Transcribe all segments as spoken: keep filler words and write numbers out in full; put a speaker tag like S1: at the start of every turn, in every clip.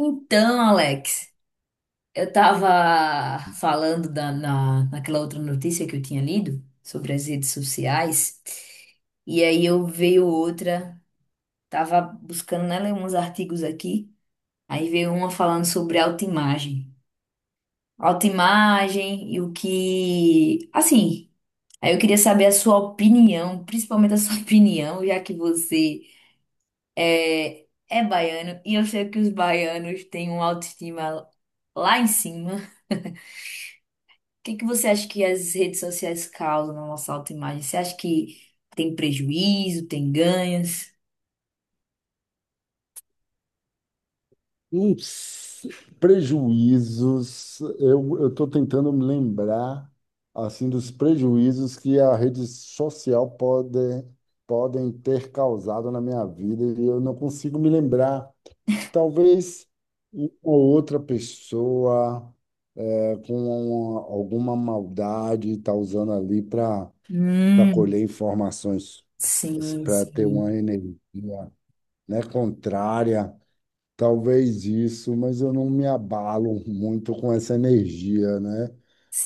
S1: Então, Alex, eu tava falando da- na, naquela outra notícia que eu tinha lido sobre as redes sociais, e aí eu veio outra, tava buscando nela uns artigos aqui, aí veio uma falando sobre autoimagem. Autoimagem e o que. Assim, aí eu queria saber a sua opinião, principalmente a sua opinião, já que você é, é baiano, e eu sei que os baianos têm uma autoestima lá em cima. que que você acha que as redes sociais causam na nossa autoimagem? Você acha que tem prejuízo, tem ganhos?
S2: Uns prejuízos, eu estou tentando me lembrar assim dos prejuízos que a rede social pode, podem ter causado na minha vida e eu não consigo me lembrar. Talvez uma ou outra pessoa é, com uma- alguma maldade está usando ali para para
S1: Hum,
S2: colher informações,
S1: sim,
S2: para ter
S1: sim,
S2: uma energia, né, contrária. Talvez isso, mas eu não me abalo muito com essa energia, né?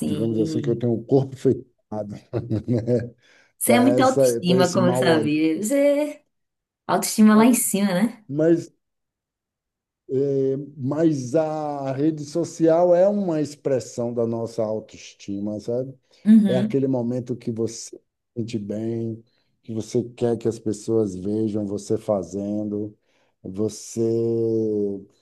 S2: Digamos assim que eu tenho o corpo fechado, né?
S1: Você
S2: Para
S1: é muito
S2: essa, para
S1: autoestima,
S2: esse
S1: como eu
S2: mal olhar.
S1: sabia. Você é autoestima lá em cima, né?
S2: Mas É, mas a rede social é uma expressão da nossa autoestima, sabe? É
S1: Uhum,
S2: aquele momento que você se sente bem, que você quer que as pessoas vejam você fazendo, você,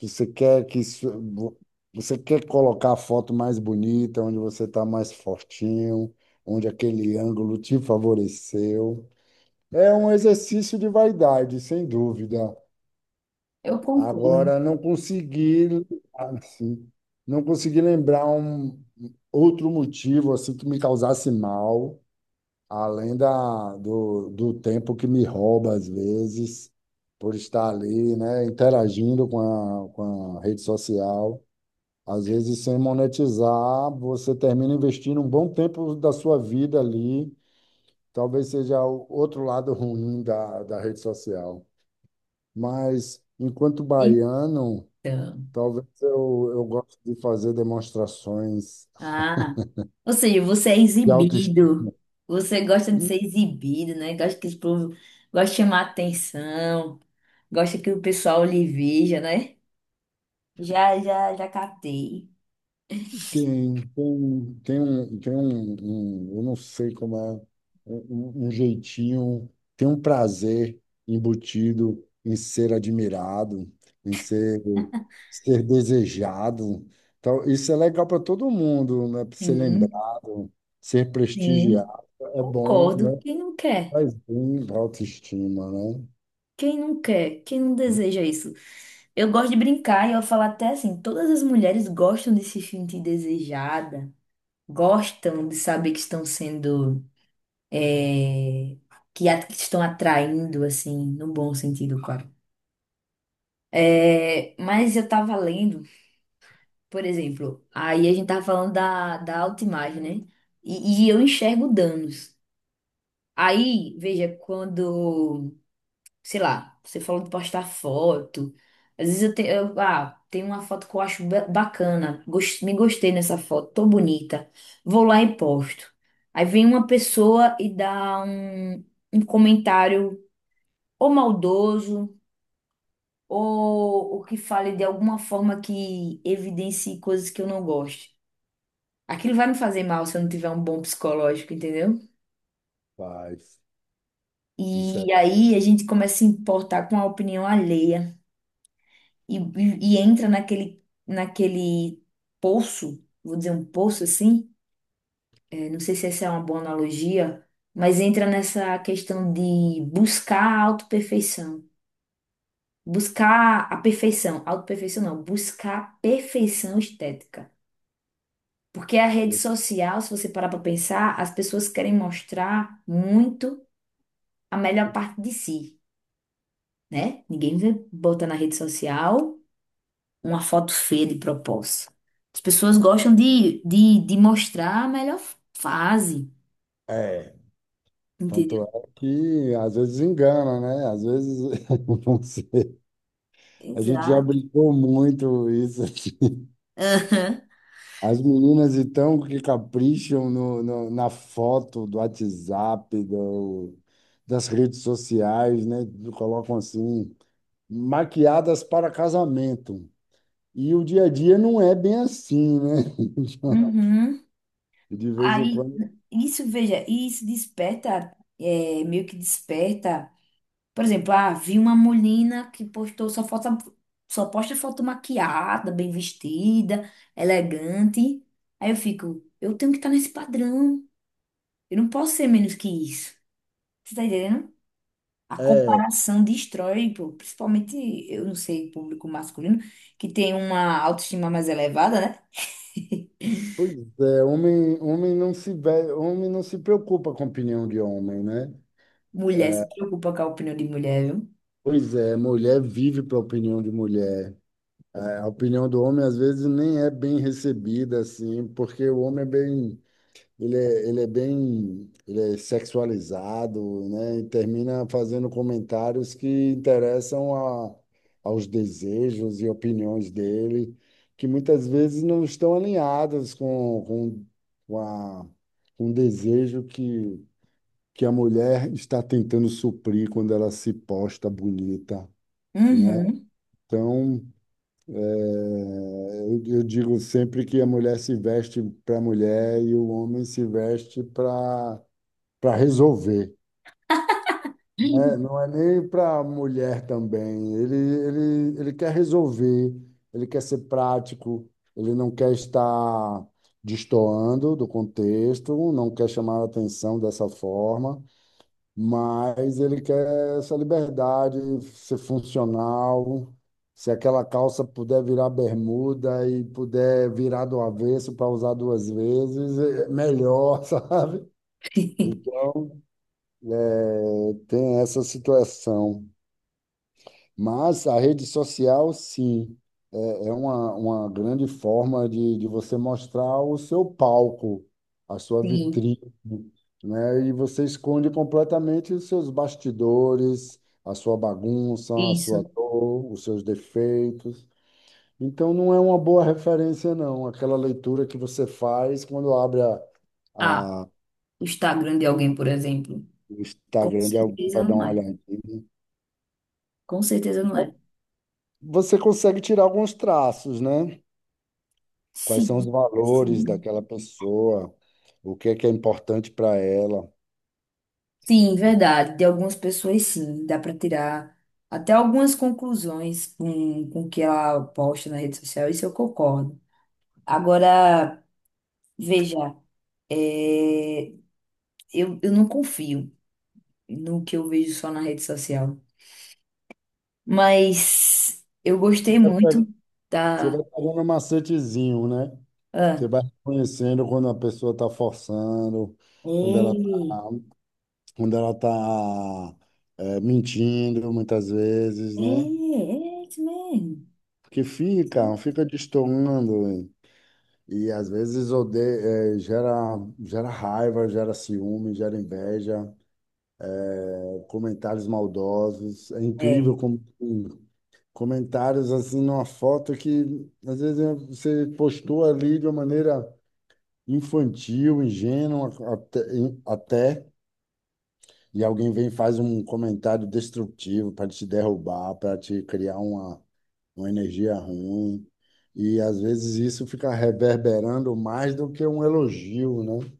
S2: você quer que isso- vo- você quer colocar a foto mais bonita, onde você está mais fortinho, onde aquele ângulo te favoreceu. É um exercício de vaidade, sem dúvida.
S1: eu concordo.
S2: Agora, não consegui, assim, não consegui lembrar um outro motivo assim que me causasse mal, além da, do, do tempo que me rouba às vezes, por estar ali, né, interagindo com a, com a rede social. Às vezes, sem monetizar, você termina investindo um bom tempo da sua vida ali. Talvez seja o outro lado ruim da, da rede social. Mas, enquanto baiano,
S1: Então,
S2: Talvez eu, eu goste de fazer demonstrações
S1: ah, ou seja, você é
S2: de
S1: exibido.
S2: autoestima.
S1: Você gosta de
S2: Tem,
S1: ser exibido, né? Gosta que o povo gosta de chamar atenção, gosta que o pessoal lhe veja, né? Já, já, já captei.
S2: tem, tem, um, tem um, um- eu não sei como é, um, um um jeitinho, tem um prazer embutido em ser admirado, em ser, ser desejado. Então, isso é legal para todo mundo, né? Ser
S1: Sim,
S2: lembrado, ser
S1: sim,
S2: prestigiado. É bom, né?
S1: concordo. Quem não quer?
S2: Faz bem para a autoestima, né?
S1: Quem não quer? Quem não deseja isso? Eu gosto de brincar e eu falo até assim, todas as mulheres gostam de se sentir desejada, gostam de saber que estão sendo, é, que, a- que estão atraindo, assim, no bom sentido, claro. É, mas eu tava lendo, por exemplo, aí a gente tava falando da, da autoimagem, né? E, e eu enxergo danos. Aí, veja, quando sei lá, você falou de postar foto. Às vezes eu, tenho eu ah, tem uma foto que eu acho ba- bacana, gos- me gostei nessa foto, tô bonita. Vou lá e posto. Aí vem uma pessoa e dá um, um comentário ou maldoso, ou, ou que fale de alguma forma que evidencie coisas que eu não gosto. Aquilo vai me fazer mal se eu não tiver um bom psicológico, entendeu?
S2: Faz. Isso é.
S1: E aí a gente começa a se importar com a opinião alheia. e, e- e entra naquele, naquele poço, vou dizer um poço assim, eh, não sei se essa é uma boa analogia, mas entra nessa questão de buscar a autoperfeição. Buscar a perfeição, autoperfeição não, buscar a perfeição estética. Porque a rede social, se você parar para pensar, as pessoas querem mostrar muito a melhor parte de si, né? Ninguém vai botar na rede social uma foto feia de propósito. As pessoas gostam de, de, de mostrar a melhor fase,
S2: É. Tanto
S1: entendeu?
S2: é que às vezes engana, né? Às vezes não sei. A gente já
S1: Exato.
S2: brincou muito isso, assim.
S1: Aham.
S2: As meninas então que capricham no, no- na foto do WhatsApp, do, das redes sociais, né? Colocam assim, maquiadas para casamento. E o dia a dia não é bem assim, né?
S1: Uhum.
S2: De vez em
S1: Aí,
S2: quando.
S1: isso, veja, isso desperta, é, meio que desperta. Por exemplo, ah, vi uma menina que postou só foto, só posta foto maquiada, bem vestida, elegante. Aí eu fico, eu tenho que estar nesse padrão. Eu não posso ser menos que isso. Você tá entendendo? A
S2: É,
S1: comparação destrói, pô, principalmente, eu não sei, público masculino, que tem uma autoestima mais elevada, né?
S2: pois é, homem, homem não se, ve- homem não se preocupa com a opinião de homem, né?
S1: Mulher se preocupa com a opinião de mulher, viu?
S2: Pois é, mulher vive para a opinião de mulher. A a opinião do homem às vezes nem é bem recebida assim, porque o homem é bem, ele é, ele é bem, ele é sexualizado, né? E termina fazendo comentários que interessam a, aos desejos e opiniões dele, que muitas vezes não estão alinhadas com, com, com a, com o desejo que, que a mulher está tentando suprir quando ela se posta bonita. Né,
S1: Uhum.
S2: então, é, eu, eu digo sempre que a mulher se veste para a mulher e o homem se veste para para resolver. Né? Não é nem para a mulher também. Ele, ele, ele quer resolver, ele quer ser prático, ele não quer estar destoando do contexto, não quer chamar a atenção dessa forma. Mas ele quer essa liberdade, ser funcional. Se aquela calça puder virar bermuda e puder virar do avesso para usar duas vezes, é melhor, sabe? Então, é, tem essa situação. Mas a rede social, sim, é, é uma, uma grande forma de, de você mostrar o seu palco, a sua
S1: Sim,
S2: vitrine, né? E você esconde completamente os seus bastidores, a sua bagunça, a sua
S1: isso.
S2: dor, os seus defeitos. Então, não é uma boa referência, não, aquela leitura que você faz quando abre a,
S1: Ah,
S2: a,
S1: o Instagram de alguém, por exemplo.
S2: o
S1: Com
S2: Instagram de alguém
S1: certeza
S2: para dar
S1: não
S2: uma
S1: é.
S2: olhadinha.
S1: Com certeza não é.
S2: Você consegue tirar alguns traços, né? Quais são os
S1: Sim,
S2: valores
S1: sim.
S2: daquela pessoa? O que é que é importante para ela?
S1: Sim, verdade. De algumas pessoas, sim. Dá para tirar até algumas conclusões com, com o que ela posta na rede social. Isso eu concordo. Agora. Veja, é, eu, eu não confio no que eu vejo só na rede social, mas eu
S2: Você
S1: gostei
S2: vai
S1: muito
S2: pegando, Você
S1: da.
S2: vai pegando um macetezinho, né? Você
S1: Ah,
S2: vai conhecendo quando a pessoa está forçando, quando ela está,
S1: ei,
S2: quando ela tá, é, mentindo muitas vezes,
S1: é,
S2: né?
S1: é isso mesmo.
S2: Porque fica, fica destoando, hein? E às vezes odeia, gera, gera raiva, gera ciúme, gera inveja, eh, comentários maldosos. É
S1: É,
S2: incrível como comentários assim numa foto que às vezes você postou ali de uma maneira infantil, ingênua até, até, e alguém vem e faz um comentário destrutivo para te derrubar, para te criar uma, uma energia ruim. E às vezes isso fica reverberando mais do que um elogio, né?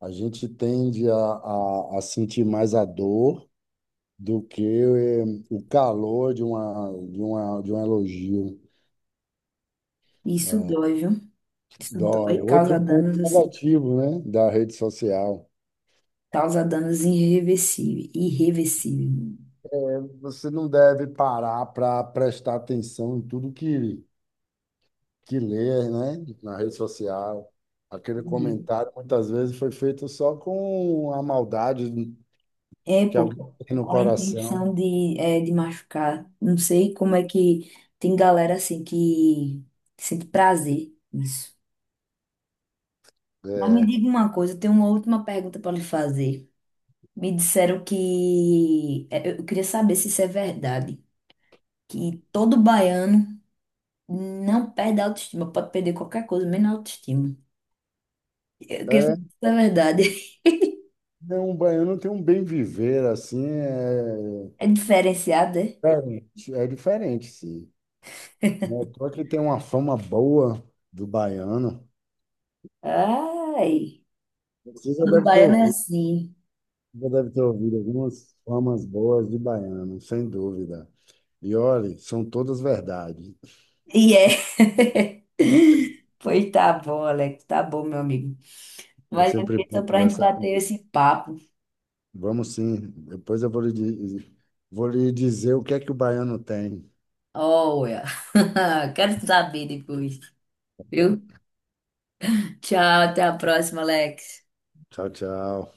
S2: A gente tende a, a, a sentir mais a dor do que eh, o calor de uma, de uma, de um elogio.
S1: isso dói, viu? Isso dói,
S2: Dói.
S1: e causa
S2: Outro ponto
S1: danos assim,
S2: negativo, né, da rede social.
S1: causa danos irreversíveis, irreversíveis.
S2: Você não deve parar para prestar atenção em tudo que, que lê, né, na rede social. Aquele
S1: Uhum.
S2: comentário muitas vezes foi feito só com a maldade
S1: É,
S2: que
S1: pô,
S2: alguém tem no
S1: com a
S2: coração.
S1: intenção de, é, de machucar. Não sei como é que tem galera assim que sente prazer nisso. Mas me
S2: É,
S1: diga uma coisa, eu tenho uma última pergunta para lhe fazer. Me disseram que. é, Eu queria saber se isso é verdade. Que todo baiano não perde a autoestima, pode perder qualquer coisa, menos a autoestima. Eu queria saber se
S2: é
S1: isso é verdade.
S2: né, um baiano tem um bem viver assim, é
S1: É diferenciado, é?
S2: é diferente, é diferente, sim. Não é à toa que tem uma fama boa do baiano.
S1: Ai,
S2: Você já
S1: todo
S2: deve ter
S1: baiano é
S2: ouvido.
S1: assim.
S2: Já deve ter ouvido algumas famas boas de baiano, sem dúvida. E olhe, são todas verdade.
S1: E é. Pois tá bom, Alex, tá bom, meu amigo.
S2: É
S1: Mas eu
S2: sempre
S1: queria só
S2: bom
S1: pra gente
S2: conversar com
S1: bater
S2: você.
S1: esse papo.
S2: Vamos sim, depois eu vou lhe, di- vou lhe dizer o que é que o baiano tem.
S1: Olha, quero saber depois. Viu? Tchau, até a próxima, Alex.
S2: Tchau, tchau.